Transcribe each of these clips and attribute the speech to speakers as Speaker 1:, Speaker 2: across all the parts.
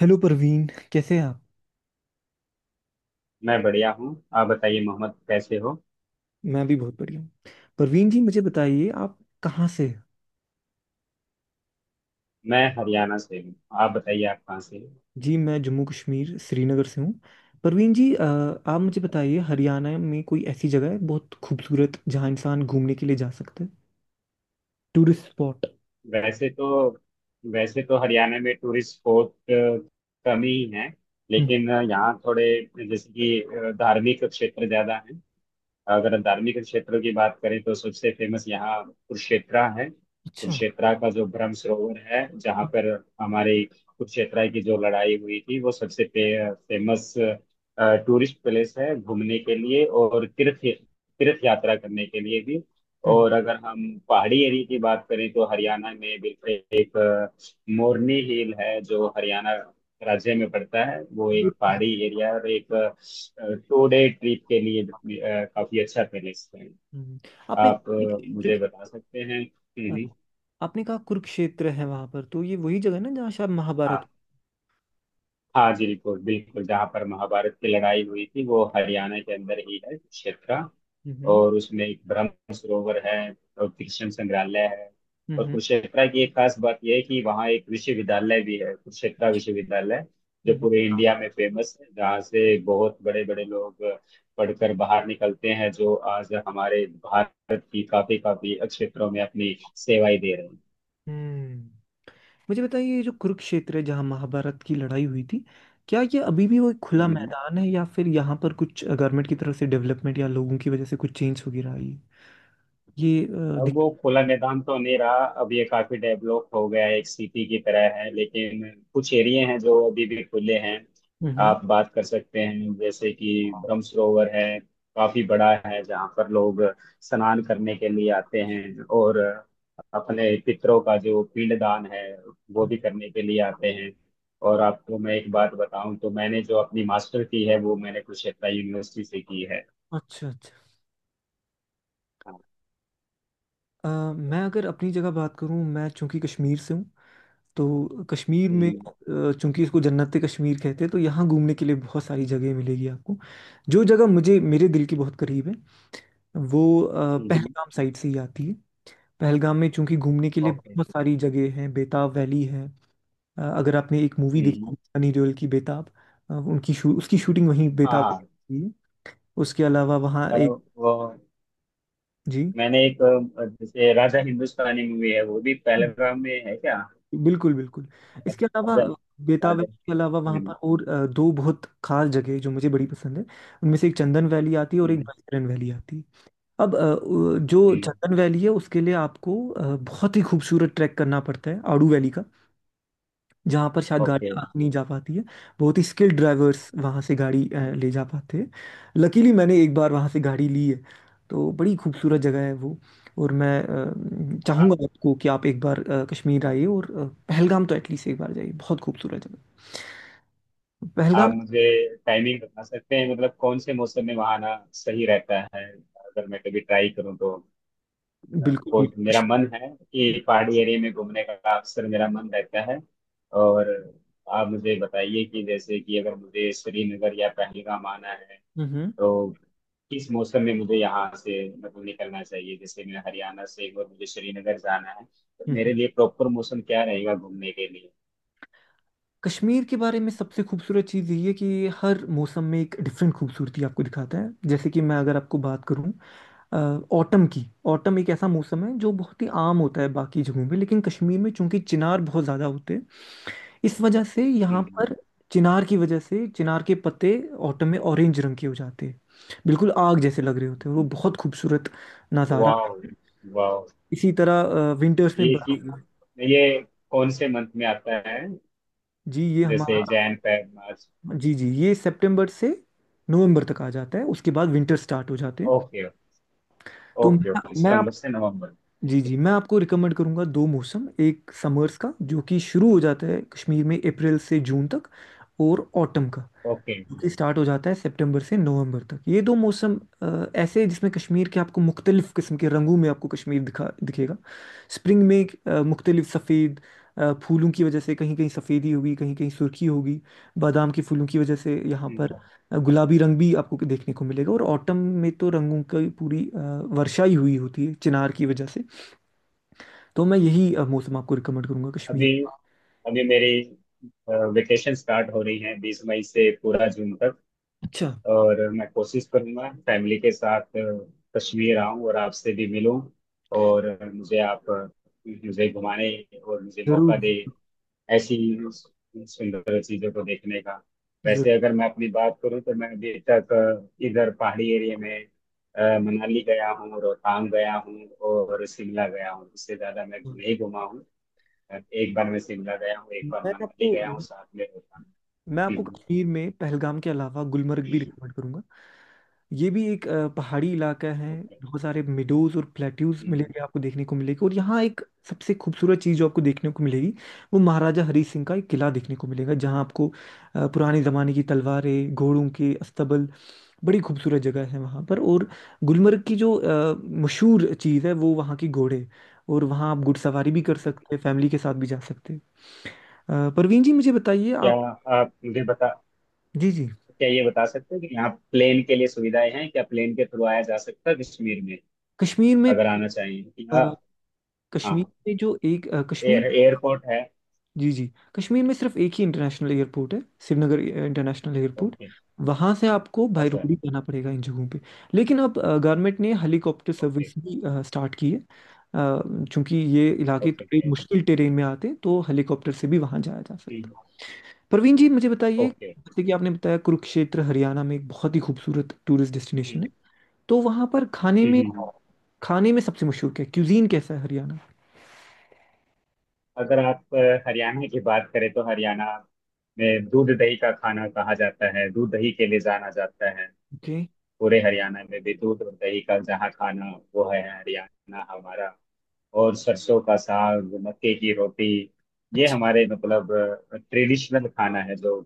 Speaker 1: Hello Parveen, कैसे हैं आप?
Speaker 2: मैं बढ़िया हूँ। आप बताइए मोहम्मद कैसे हो?
Speaker 1: मैं भी बहुत बढ़िया हूँ। परवीन जी मुझे बताइए आप कहाँ से हैं?
Speaker 2: मैं हरियाणा से हूँ। आप बताइए आप कहाँ से हो?
Speaker 1: जी मैं जम्मू कश्मीर श्रीनगर से हूँ। परवीन जी आप मुझे बताइए हरियाणा में कोई ऐसी जगह है बहुत खूबसूरत जहाँ इंसान घूमने के लिए जा सकता है? Tourist spot.
Speaker 2: वैसे तो वैसे तो हरियाणा में टूरिस्ट स्पॉट कम ही हैं,
Speaker 1: हम्म।
Speaker 2: लेकिन यहाँ थोड़े, जैसे कि धार्मिक क्षेत्र ज़्यादा हैं। अगर धार्मिक क्षेत्रों की बात करें तो सबसे फेमस यहाँ कुरुक्षेत्रा है।
Speaker 1: अच्छा।
Speaker 2: कुरुक्षेत्रा का जो ब्रह्म सरोवर है, जहाँ पर हमारे कुरुक्षेत्रा की जो लड़ाई हुई थी, वो सबसे फेमस टूरिस्ट प्लेस है, घूमने के लिए और तीर्थ तीर्थ यात्रा करने के लिए भी।
Speaker 1: हम्म।
Speaker 2: और अगर हम पहाड़ी एरिया की बात करें तो हरियाणा में बिल्कुल एक मोरनी हिल है, जो हरियाणा राज्य में पड़ता है। वो एक पहाड़ी एरिया और एक टू डे ट्रिप के लिए भी, काफी अच्छा पैलेस है।
Speaker 1: हम्म। आपने
Speaker 2: आप
Speaker 1: कुरुक्षेत्र
Speaker 2: मुझे
Speaker 1: के
Speaker 2: बता सकते हैं।
Speaker 1: अ,
Speaker 2: हम्म।
Speaker 1: आपने कहा कुरुक्षेत्र है वहां पर, तो ये वही जगह है ना जहाँ शायद महाभारत।
Speaker 2: हाँ, हाँ जी, बिल्कुल बिल्कुल, जहाँ पर महाभारत की लड़ाई हुई थी वो हरियाणा के अंदर ही है, कुरुक्षेत्र।
Speaker 1: हम्म।
Speaker 2: और उसमें एक ब्रह्म सरोवर है और कृष्ण संग्रहालय है।
Speaker 1: हम्म।
Speaker 2: और
Speaker 1: हम्म।
Speaker 2: कुरुक्षेत्रा की एक खास बात यह है कि वहाँ एक विश्वविद्यालय भी है, कुरुक्षेत्रा विश्वविद्यालय, जो
Speaker 1: हम्म।
Speaker 2: पूरे इंडिया में फेमस है, जहाँ से बहुत बड़े बड़े लोग पढ़कर बाहर निकलते हैं, जो आज हमारे भारत की काफी काफी क्षेत्रों में अपनी सेवाएं दे रहे
Speaker 1: हम्म। मुझे बताइए ये जो कुरुक्षेत्र है जहाँ महाभारत की लड़ाई हुई थी, क्या ये अभी भी वो एक खुला
Speaker 2: हैं।
Speaker 1: मैदान है या फिर यहाँ पर कुछ गवर्नमेंट की तरफ से डेवलपमेंट या लोगों की वजह से कुछ चेंज हो रहा है? ये ये, अ,
Speaker 2: अब
Speaker 1: दिख
Speaker 2: वो खुला मैदान तो नहीं रहा, अब ये काफी डेवलप हो गया है, एक सिटी की तरह है, लेकिन कुछ एरिया हैं जो अभी भी खुले हैं,
Speaker 1: हम्म।
Speaker 2: आप बात कर सकते हैं। जैसे कि ब्रह्म सरोवर है, काफी बड़ा है, जहाँ पर लोग स्नान करने के लिए आते हैं और अपने पितरों का जो पिंडदान है वो
Speaker 1: हम्म।
Speaker 2: भी करने के लिए आते हैं। और आपको मैं एक बात बताऊं तो मैंने जो अपनी मास्टर की है वो मैंने कुरुक्षेत्र यूनिवर्सिटी से की है।
Speaker 1: अच्छा अच्छा।
Speaker 2: हाँ।
Speaker 1: मैं अगर अपनी जगह बात करूँ, मैं चूंकि कश्मीर से हूँ, तो कश्मीर में
Speaker 2: हम्म,
Speaker 1: चूंकि इसको जन्नत कश्मीर कहते हैं, तो यहाँ घूमने के लिए बहुत सारी जगह मिलेगी आपको। जो जगह मुझे मेरे दिल के बहुत करीब है वो
Speaker 2: हम्म,
Speaker 1: पहलगाम साइड से ही आती है। पहलगाम में चूंकि घूमने के लिए
Speaker 2: ओके।
Speaker 1: बहुत सारी जगह हैं, बेताब वैली है। अगर आपने एक मूवी देखी है,
Speaker 2: हम्म।
Speaker 1: सनी देओल की बेताब, उसकी शूटिंग वहीं
Speaker 2: हाँ
Speaker 1: बेताब में
Speaker 2: हाँ।
Speaker 1: हुई है। उसके अलावा वहाँ
Speaker 2: अ,
Speaker 1: एक
Speaker 2: वो
Speaker 1: जी
Speaker 2: मैंने एक, जैसे राजा हिंदुस्तानी मूवी है, वो भी पहलगाम में है क्या?
Speaker 1: बिल्कुल बिल्कुल। इसके अलावा
Speaker 2: राजा।
Speaker 1: बेताब वैली
Speaker 2: राजा।
Speaker 1: के अलावा वहाँ पर
Speaker 2: हम्म।
Speaker 1: और दो बहुत खास जगह जो मुझे बड़ी पसंद है। उनमें से एक चंदन वैली आती है और एक
Speaker 2: हम्म।
Speaker 1: बैतरन वैली आती है। अब जो
Speaker 2: हम्म।
Speaker 1: चंदन वैली है उसके लिए आपको बहुत ही खूबसूरत ट्रैक करना पड़ता है आड़ू वैली का, जहाँ पर शायद
Speaker 2: ओके।
Speaker 1: गाड़ियाँ नहीं जा पाती है। बहुत ही स्किल्ड ड्राइवर्स वहाँ से गाड़ी ले जा पाते हैं। लकीली मैंने एक बार वहाँ से गाड़ी ली है, तो बड़ी खूबसूरत जगह है वो। और मैं
Speaker 2: आप
Speaker 1: चाहूँगा आपको कि आप एक बार कश्मीर आइए, और पहलगाम तो एटलीस्ट एक बार जाइए, बहुत खूबसूरत जगह
Speaker 2: आप
Speaker 1: पहलगाम।
Speaker 2: मुझे टाइमिंग बता सकते हैं? मतलब कौन से मौसम में वहाँ आना सही रहता है, अगर मैं कभी ट्राई करूँ तो?
Speaker 1: बिल्कुल
Speaker 2: को
Speaker 1: भी
Speaker 2: मेरा
Speaker 1: कश-।
Speaker 2: मन है कि पहाड़ी एरिया में घूमने का अक्सर मेरा मन रहता है। और आप मुझे बताइए कि जैसे कि अगर मुझे श्रीनगर या पहलगाम आना है
Speaker 1: हम्म। हम्म।
Speaker 2: तो किस मौसम में मुझे यहाँ से मतलब निकलना चाहिए? जैसे मैं हरियाणा से हूँ और मुझे श्रीनगर जाना है, तो
Speaker 1: हम्म।
Speaker 2: मेरे लिए प्रॉपर मौसम क्या रहेगा घूमने के लिए?
Speaker 1: कश्मीर के बारे में सबसे खूबसूरत चीज़ यही है कि हर मौसम में एक डिफरेंट खूबसूरती आपको दिखाता है। जैसे कि मैं अगर आपको बात करूँ ऑटम की, ऑटम एक ऐसा मौसम है जो बहुत ही आम होता है बाकी जगहों में, लेकिन कश्मीर में चूंकि चिनार बहुत ज़्यादा होते हैं, इस वजह से यहाँ
Speaker 2: हम्म।
Speaker 1: पर चिनार की वजह से चिनार के पत्ते ऑटम में ऑरेंज रंग के हो जाते हैं, बिल्कुल आग जैसे लग रहे होते हैं वो। बहुत खूबसूरत नज़ारा।
Speaker 2: वाह, वाह।
Speaker 1: इसी तरह विंटर्स में
Speaker 2: ये कि
Speaker 1: बर्फ।
Speaker 2: ये कौन से मंथ में आता है?
Speaker 1: जी ये
Speaker 2: जैसे
Speaker 1: हमारा,
Speaker 2: जैन, फेब, मार्च?
Speaker 1: जी जी, ये सितंबर से नवंबर तक आ जाता है, उसके बाद विंटर स्टार्ट हो जाते हैं।
Speaker 2: ओके,
Speaker 1: तो मैं
Speaker 2: ओके, ओके।
Speaker 1: मैं
Speaker 2: सितंबर से नवंबर।
Speaker 1: जी जी मैं आपको रिकमेंड करूंगा दो मौसम, एक समर्स का जो कि शुरू हो जाता है कश्मीर में अप्रैल से जून तक, और ऑटम का
Speaker 2: ओके।
Speaker 1: जो कि स्टार्ट हो जाता है सितंबर से नवंबर तक। ये दो मौसम ऐसे हैं जिसमें कश्मीर के आपको मुख्तलिफ किस्म के रंगों में आपको कश्मीर दिखा दिखेगा। स्प्रिंग में मुख्तलिफ सफ़ेद फूलों की वजह से कहीं कहीं सफ़ेदी होगी, कहीं कहीं सुर्खी होगी। बादाम के फूलों की वजह से यहाँ पर
Speaker 2: हम्म।
Speaker 1: गुलाबी रंग भी आपको देखने को मिलेगा। और ऑटम में तो रंगों की पूरी वर्षा ही हुई होती है चिनार की वजह से। तो मैं यही मौसम आपको रिकमेंड करूंगा कश्मीर।
Speaker 2: अभी अभी मेरी वेकेशन स्टार्ट हो रही है, 20 मई से पूरा जून तक।
Speaker 1: अच्छा।
Speaker 2: और मैं कोशिश करूंगा फैमिली के साथ कश्मीर आऊं और आपसे भी मिलूं। और मुझे आप मुझे घुमाने और मुझे मौका
Speaker 1: जरूर।
Speaker 2: दे ऐसी सुंदर चीजों को देखने का।
Speaker 1: जरूर।
Speaker 2: वैसे अगर मैं अपनी बात करूं तो मैं अभी तक इधर पहाड़ी एरिया में मनाली गया हूँ, रोहतांग गया हूँ और शिमला गया हूँ। इससे ज्यादा मैं
Speaker 1: हाँ,
Speaker 2: नहीं घुमा हूँ। एक बार मैं शिमला गया हूँ, एक बार
Speaker 1: मैं
Speaker 2: मनाली
Speaker 1: आपको
Speaker 2: गया हूँ साथ में रोहतांग।
Speaker 1: मैं आपको
Speaker 2: हम्म,
Speaker 1: कश्मीर में पहलगाम के अलावा गुलमर्ग भी रिकमेंड करूंगा। ये भी एक पहाड़ी इलाका है।
Speaker 2: ओके।
Speaker 1: बहुत सारे मिडोज और प्लेट्यूज
Speaker 2: हम्म।
Speaker 1: मिलेंगे, आपको देखने को मिलेगी। और यहाँ एक सबसे खूबसूरत चीज़ जो आपको देखने को मिलेगी, वो महाराजा हरी सिंह का एक किला देखने को मिलेगा जहाँ आपको पुराने ज़माने की तलवारें, घोड़ों के अस्तबल, बड़ी खूबसूरत जगह है वहाँ पर। और गुलमर्ग की जो मशहूर चीज़ है वो वहाँ की घोड़े, और वहाँ आप घुड़सवारी भी कर सकते हैं, फैमिली के साथ भी जा सकते हैं। परवीन जी मुझे बताइए
Speaker 2: क्या
Speaker 1: आप।
Speaker 2: आप मुझे बता
Speaker 1: जी जी
Speaker 2: क्या ये बता सकते हैं कि यहाँ प्लेन के लिए सुविधाएं हैं? क्या प्लेन के थ्रू आया जा सकता है कश्मीर में?
Speaker 1: कश्मीर में
Speaker 2: अगर आना चाहिए कि हाँ?
Speaker 1: अ,
Speaker 2: हाँ,
Speaker 1: कश्मीर में जो एक अ, कश्मीर
Speaker 2: एयरपोर्ट है।
Speaker 1: जी जी, कश्मीर में सिर्फ एक ही इंटरनेशनल एयरपोर्ट है, श्रीनगर इंटरनेशनल एयरपोर्ट।
Speaker 2: ओके।
Speaker 1: वहां से आपको बाय रोड
Speaker 2: अच्छा।
Speaker 1: ही जाना पड़ेगा इन जगहों पे। लेकिन अब गवर्नमेंट ने हेलीकॉप्टर
Speaker 2: ओके,
Speaker 1: सर्विस भी स्टार्ट की है। चूंकि ये इलाके
Speaker 2: ओके,
Speaker 1: थोड़े
Speaker 2: ओके।
Speaker 1: मुश्किल टेरेन में आते हैं, तो हेलीकॉप्टर से भी वहां जाया जा
Speaker 2: हम्म।
Speaker 1: सकता है। प्रवीण जी मुझे बताइए,
Speaker 2: ओके।
Speaker 1: जैसे कि आपने बताया कुरुक्षेत्र हरियाणा में एक बहुत ही खूबसूरत टूरिस्ट डेस्टिनेशन
Speaker 2: हम्म,
Speaker 1: है, तो वहां पर खाने में
Speaker 2: हम्म, हम्म।
Speaker 1: खाने में सबसे मशहूर क्या है, क्यूजीन कैसा है हरियाणा?
Speaker 2: अगर आप हरियाणा की बात करें तो हरियाणा में दूध दही का खाना कहा जाता है, दूध दही के लिए जाना जाता है।
Speaker 1: ओके।
Speaker 2: पूरे हरियाणा में भी दूध और दही का जहाँ खाना, वो है हरियाणा हमारा। और सरसों का साग, मक्के की रोटी, ये
Speaker 1: अच्छा।
Speaker 2: हमारे मतलब ट्रेडिशनल खाना है, जो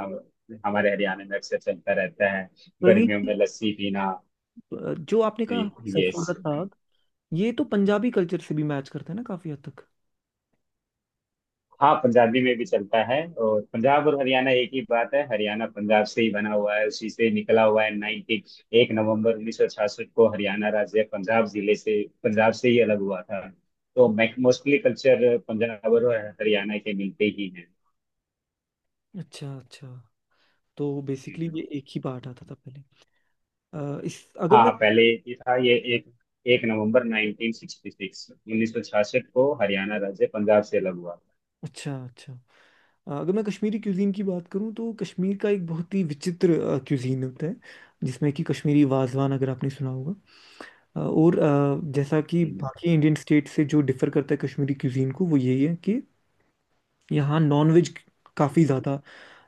Speaker 2: हम हमारे हरियाणा में अक्सर चलता रहता है।
Speaker 1: प्रवीण
Speaker 2: गर्मियों
Speaker 1: जी,
Speaker 2: में लस्सी पीना,
Speaker 1: जो आपने
Speaker 2: ये
Speaker 1: कहा
Speaker 2: ये
Speaker 1: सरसों का
Speaker 2: सब।
Speaker 1: साग, ये तो पंजाबी कल्चर से भी मैच करता है ना काफी हद तक?
Speaker 2: हाँ, पंजाबी में भी चलता है। और पंजाब और हरियाणा एक ही बात है, हरियाणा पंजाब से ही बना हुआ है, उसी से निकला हुआ है। 90, एक नवंबर 1966 को हरियाणा राज्य पंजाब जिले से, पंजाब से ही अलग हुआ था, तो मोस्टली कल्चर पंजाब और हरियाणा के मिलते ही
Speaker 1: अच्छा अच्छा, तो बेसिकली
Speaker 2: हैं।
Speaker 1: ये एक ही पार्ट आता था पहले। अ, इस अगर मैं
Speaker 2: हाँ, पहले ये था। ये एक एक नवंबर 1966 को हरियाणा राज्य पंजाब से अलग हुआ।
Speaker 1: अच्छा अच्छा। अगर मैं कश्मीरी क्यूजीन की बात करूं, तो कश्मीर का एक बहुत ही विचित्र क्यूजीन होता है, जिसमें कि कश्मीरी वाजवान अगर आपने सुना होगा। जैसा कि
Speaker 2: हम्म,
Speaker 1: बाकी इंडियन स्टेट से जो डिफर करता है कश्मीरी क्यूजीन को, वो यही है कि यहाँ नॉनवेज काफ़ी ज़्यादा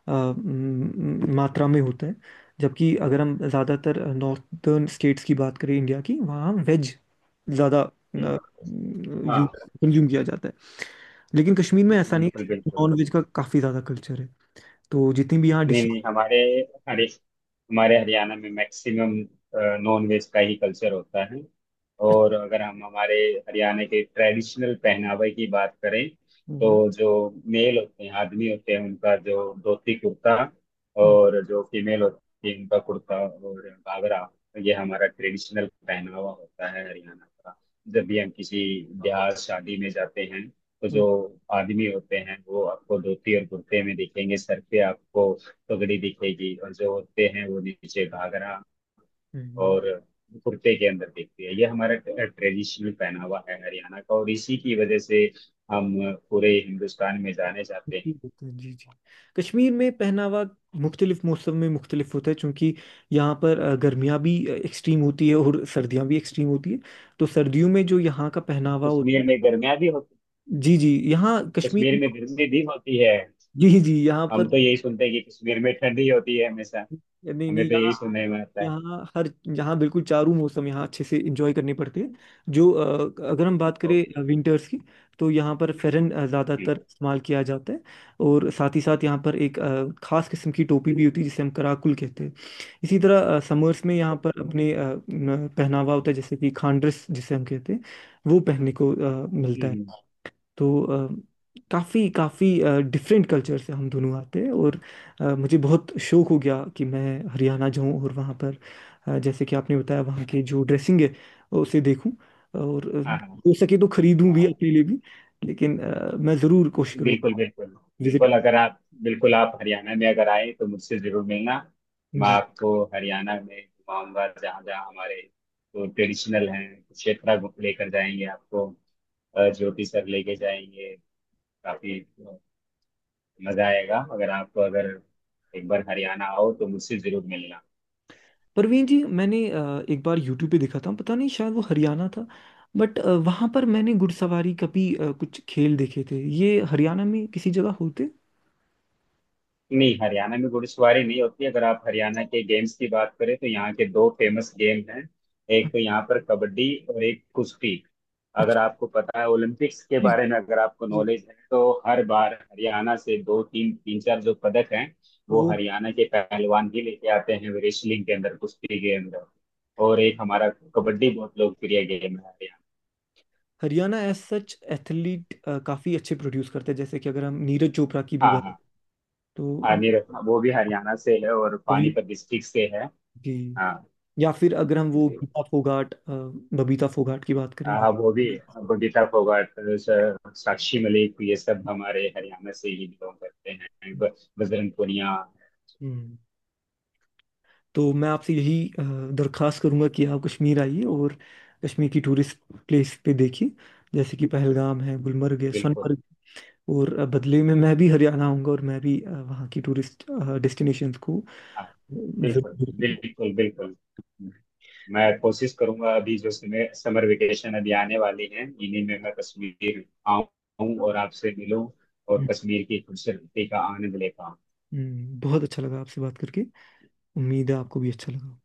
Speaker 1: मात्रा में होता है, जबकि अगर हम ज़्यादातर नॉर्थर्न स्टेट्स की बात करें इंडिया की, वहाँ वेज ज़्यादा
Speaker 2: हम्म, हाँ।
Speaker 1: कंज्यूम किया जाता है। लेकिन कश्मीर में ऐसा नहीं
Speaker 2: बिल्कुल
Speaker 1: है,
Speaker 2: बिल्कुल।
Speaker 1: नॉन वेज का काफ़ी ज़्यादा कल्चर है। तो जितनी भी यहाँ
Speaker 2: नहीं,
Speaker 1: डिशेज।
Speaker 2: नहीं, हमारे हरि हमारे हरियाणा में मैक्सिमम नॉन वेज का ही कल्चर होता है। और अगर हम हमारे हरियाणा के ट्रेडिशनल पहनावे की बात करें, तो
Speaker 1: हम्म।
Speaker 2: जो मेल होते हैं, आदमी होते हैं, उनका जो धोती कुर्ता,
Speaker 1: हम्म।
Speaker 2: और जो फीमेल होती है उनका कुर्ता और घाघरा, ये हमारा ट्रेडिशनल पहनावा होता है हरियाणा का। जब भी हम किसी ब्याह शादी में जाते हैं, तो
Speaker 1: हम्म।
Speaker 2: जो आदमी होते हैं वो आपको धोती और कुर्ते में दिखेंगे, सर पे आपको पगड़ी दिखेगी, और जो होते हैं वो नीचे घाघरा
Speaker 1: हम्म।
Speaker 2: और कुर्ते के अंदर दिखती है। ये हमारा ट्रेडिशनल पहनावा है हरियाणा का, और इसी की वजह से हम पूरे हिंदुस्तान में जाने जाते
Speaker 1: जी
Speaker 2: हैं।
Speaker 1: बिल्कुल, जी जी। कश्मीर में पहनावा मुख्तलिफ मौसम में मुख्तलिफ होता है, क्योंकि यहाँ पर गर्मियाँ भी एक्सट्रीम होती है और सर्दियाँ भी एक्सट्रीम होती है। तो सर्दियों में जो यहाँ का पहनावा होता है।
Speaker 2: कश्मीर में गर्मियाँ भी होती?
Speaker 1: जी जी यहाँ कश्मीर
Speaker 2: कश्मीर में गर्मी भी होती है?
Speaker 1: जी जी यहाँ
Speaker 2: हम
Speaker 1: पर।
Speaker 2: तो यही सुनते हैं कि कश्मीर में ठंडी होती है हमेशा।
Speaker 1: नहीं
Speaker 2: हमें
Speaker 1: नहीं
Speaker 2: तो यही
Speaker 1: यहाँ,
Speaker 2: सुनने में आता है।
Speaker 1: यहाँ हर, यहाँ बिल्कुल चारों मौसम यहाँ अच्छे से इंजॉय करने पड़ते हैं। जो अगर हम बात
Speaker 2: ओके,
Speaker 1: करें विंटर्स की, तो यहाँ पर फेरन ज़्यादातर इस्तेमाल किया जाता है, और साथ ही साथ यहाँ पर एक खास किस्म की टोपी भी होती है जिसे हम कराकुल कहते हैं। इसी तरह समर्स में यहाँ पर
Speaker 2: ओके।
Speaker 1: अपने पहनावा होता है, जैसे कि खांड्रेस जिसे हम कहते हैं वो पहनने को मिलता है। तो अ, काफ़ी काफ़ी डिफरेंट कल्चर से हम दोनों आते हैं, और मुझे बहुत शौक हो गया कि मैं हरियाणा जाऊं और वहाँ पर जैसे कि आपने बताया वहाँ की जो ड्रेसिंग है उसे देखूं, और
Speaker 2: हाँ हाँ।
Speaker 1: हो सके तो खरीदूं भी
Speaker 2: हाँ।
Speaker 1: अपने लिए भी। लेकिन मैं ज़रूर कोशिश
Speaker 2: बिल्कुल
Speaker 1: करूंगा
Speaker 2: बिल्कुल।
Speaker 1: विजिट।
Speaker 2: बिल्कुल, अगर आप बिल्कुल आप हरियाणा में अगर आए तो मुझसे जरूर मिलना। मैं
Speaker 1: जी।
Speaker 2: आपको हरियाणा में घुमाऊंगा, जहाँ जहाँ हमारे जो ट्रेडिशनल हैं क्षेत्र लेकर जाएंगे आपको। ज्योति सर लेके जाएंगे। काफी मजा आएगा, अगर एक बार हरियाणा आओ तो मुझसे जरूर मिलना।
Speaker 1: परवीन जी मैंने एक बार यूट्यूब पे देखा था, पता नहीं शायद वो हरियाणा था, बट वहाँ पर मैंने घुड़सवारी का भी कुछ खेल देखे थे, ये हरियाणा में किसी जगह होते?
Speaker 2: नहीं, हरियाणा में घुड़सवारी नहीं होती। अगर आप हरियाणा के गेम्स की बात करें तो यहाँ के दो फेमस गेम हैं, एक तो यहाँ पर कबड्डी और एक कुश्ती। अगर
Speaker 1: अच्छा।
Speaker 2: आपको पता है ओलंपिक्स के
Speaker 1: जी।
Speaker 2: बारे में, अगर आपको
Speaker 1: जी।
Speaker 2: नॉलेज है, तो हर बार हरियाणा से दो तीन तीन चार जो पदक हैं, वो
Speaker 1: वो
Speaker 2: हरियाणा के पहलवान ही लेके आते हैं, रेसलिंग के अंदर, कुश्ती के अंदर। और एक हमारा कबड्डी बहुत लोकप्रिय गेम है Haryana.
Speaker 1: Haryana as such athlete काफी अच्छे प्रोड्यूस करते हैं, जैसे कि अगर हम नीरज चोपड़ा की भी
Speaker 2: हाँ
Speaker 1: बात,
Speaker 2: हाँ।
Speaker 1: तो
Speaker 2: हाँ, नीरज। हाँ, वो भी हरियाणा से है और
Speaker 1: heavily-।
Speaker 2: पानीपत डिस्ट्रिक्ट से है।
Speaker 1: जी।
Speaker 2: हाँ।
Speaker 1: या फिर अगर हम वो
Speaker 2: जी।
Speaker 1: गीता फोगाट बबीता फोगाट की बात करें।
Speaker 2: वो भी बबीता फोगाट, साक्षी मलिक, ये सब हमारे हरियाणा से ही बिलोंग करते हैं, बजरंग पुनिया।
Speaker 1: हम्म। तो मैं आपसे यही दरखास्त करूंगा कि आप कश्मीर आइए और कश्मीर की टूरिस्ट प्लेस पे देखिए, जैसे कि पहलगाम है, गुलमर्ग है,
Speaker 2: बिल्कुल।
Speaker 1: सोनमर्ग। और बदले में मैं भी हरियाणा आऊंगा, और मैं भी वहाँ की टूरिस्ट डेस्टिनेशंस को
Speaker 2: हाँ,
Speaker 1: जरूर-
Speaker 2: बिल्कुल
Speaker 1: देखूंगा।
Speaker 2: बिल्कुल। बिल्कुल, मैं कोशिश करूंगा, अभी जो समय समर वेकेशन अभी आने वाली है, इन्हीं में मैं कश्मीर आऊं और आपसे मिलूं, और
Speaker 1: हम्म।
Speaker 2: कश्मीर की खूबसूरती का आनंद ले पाऊं।
Speaker 1: बहुत अच्छा लगा आपसे बात करके, उम्मीद है आपको भी अच्छा लगा।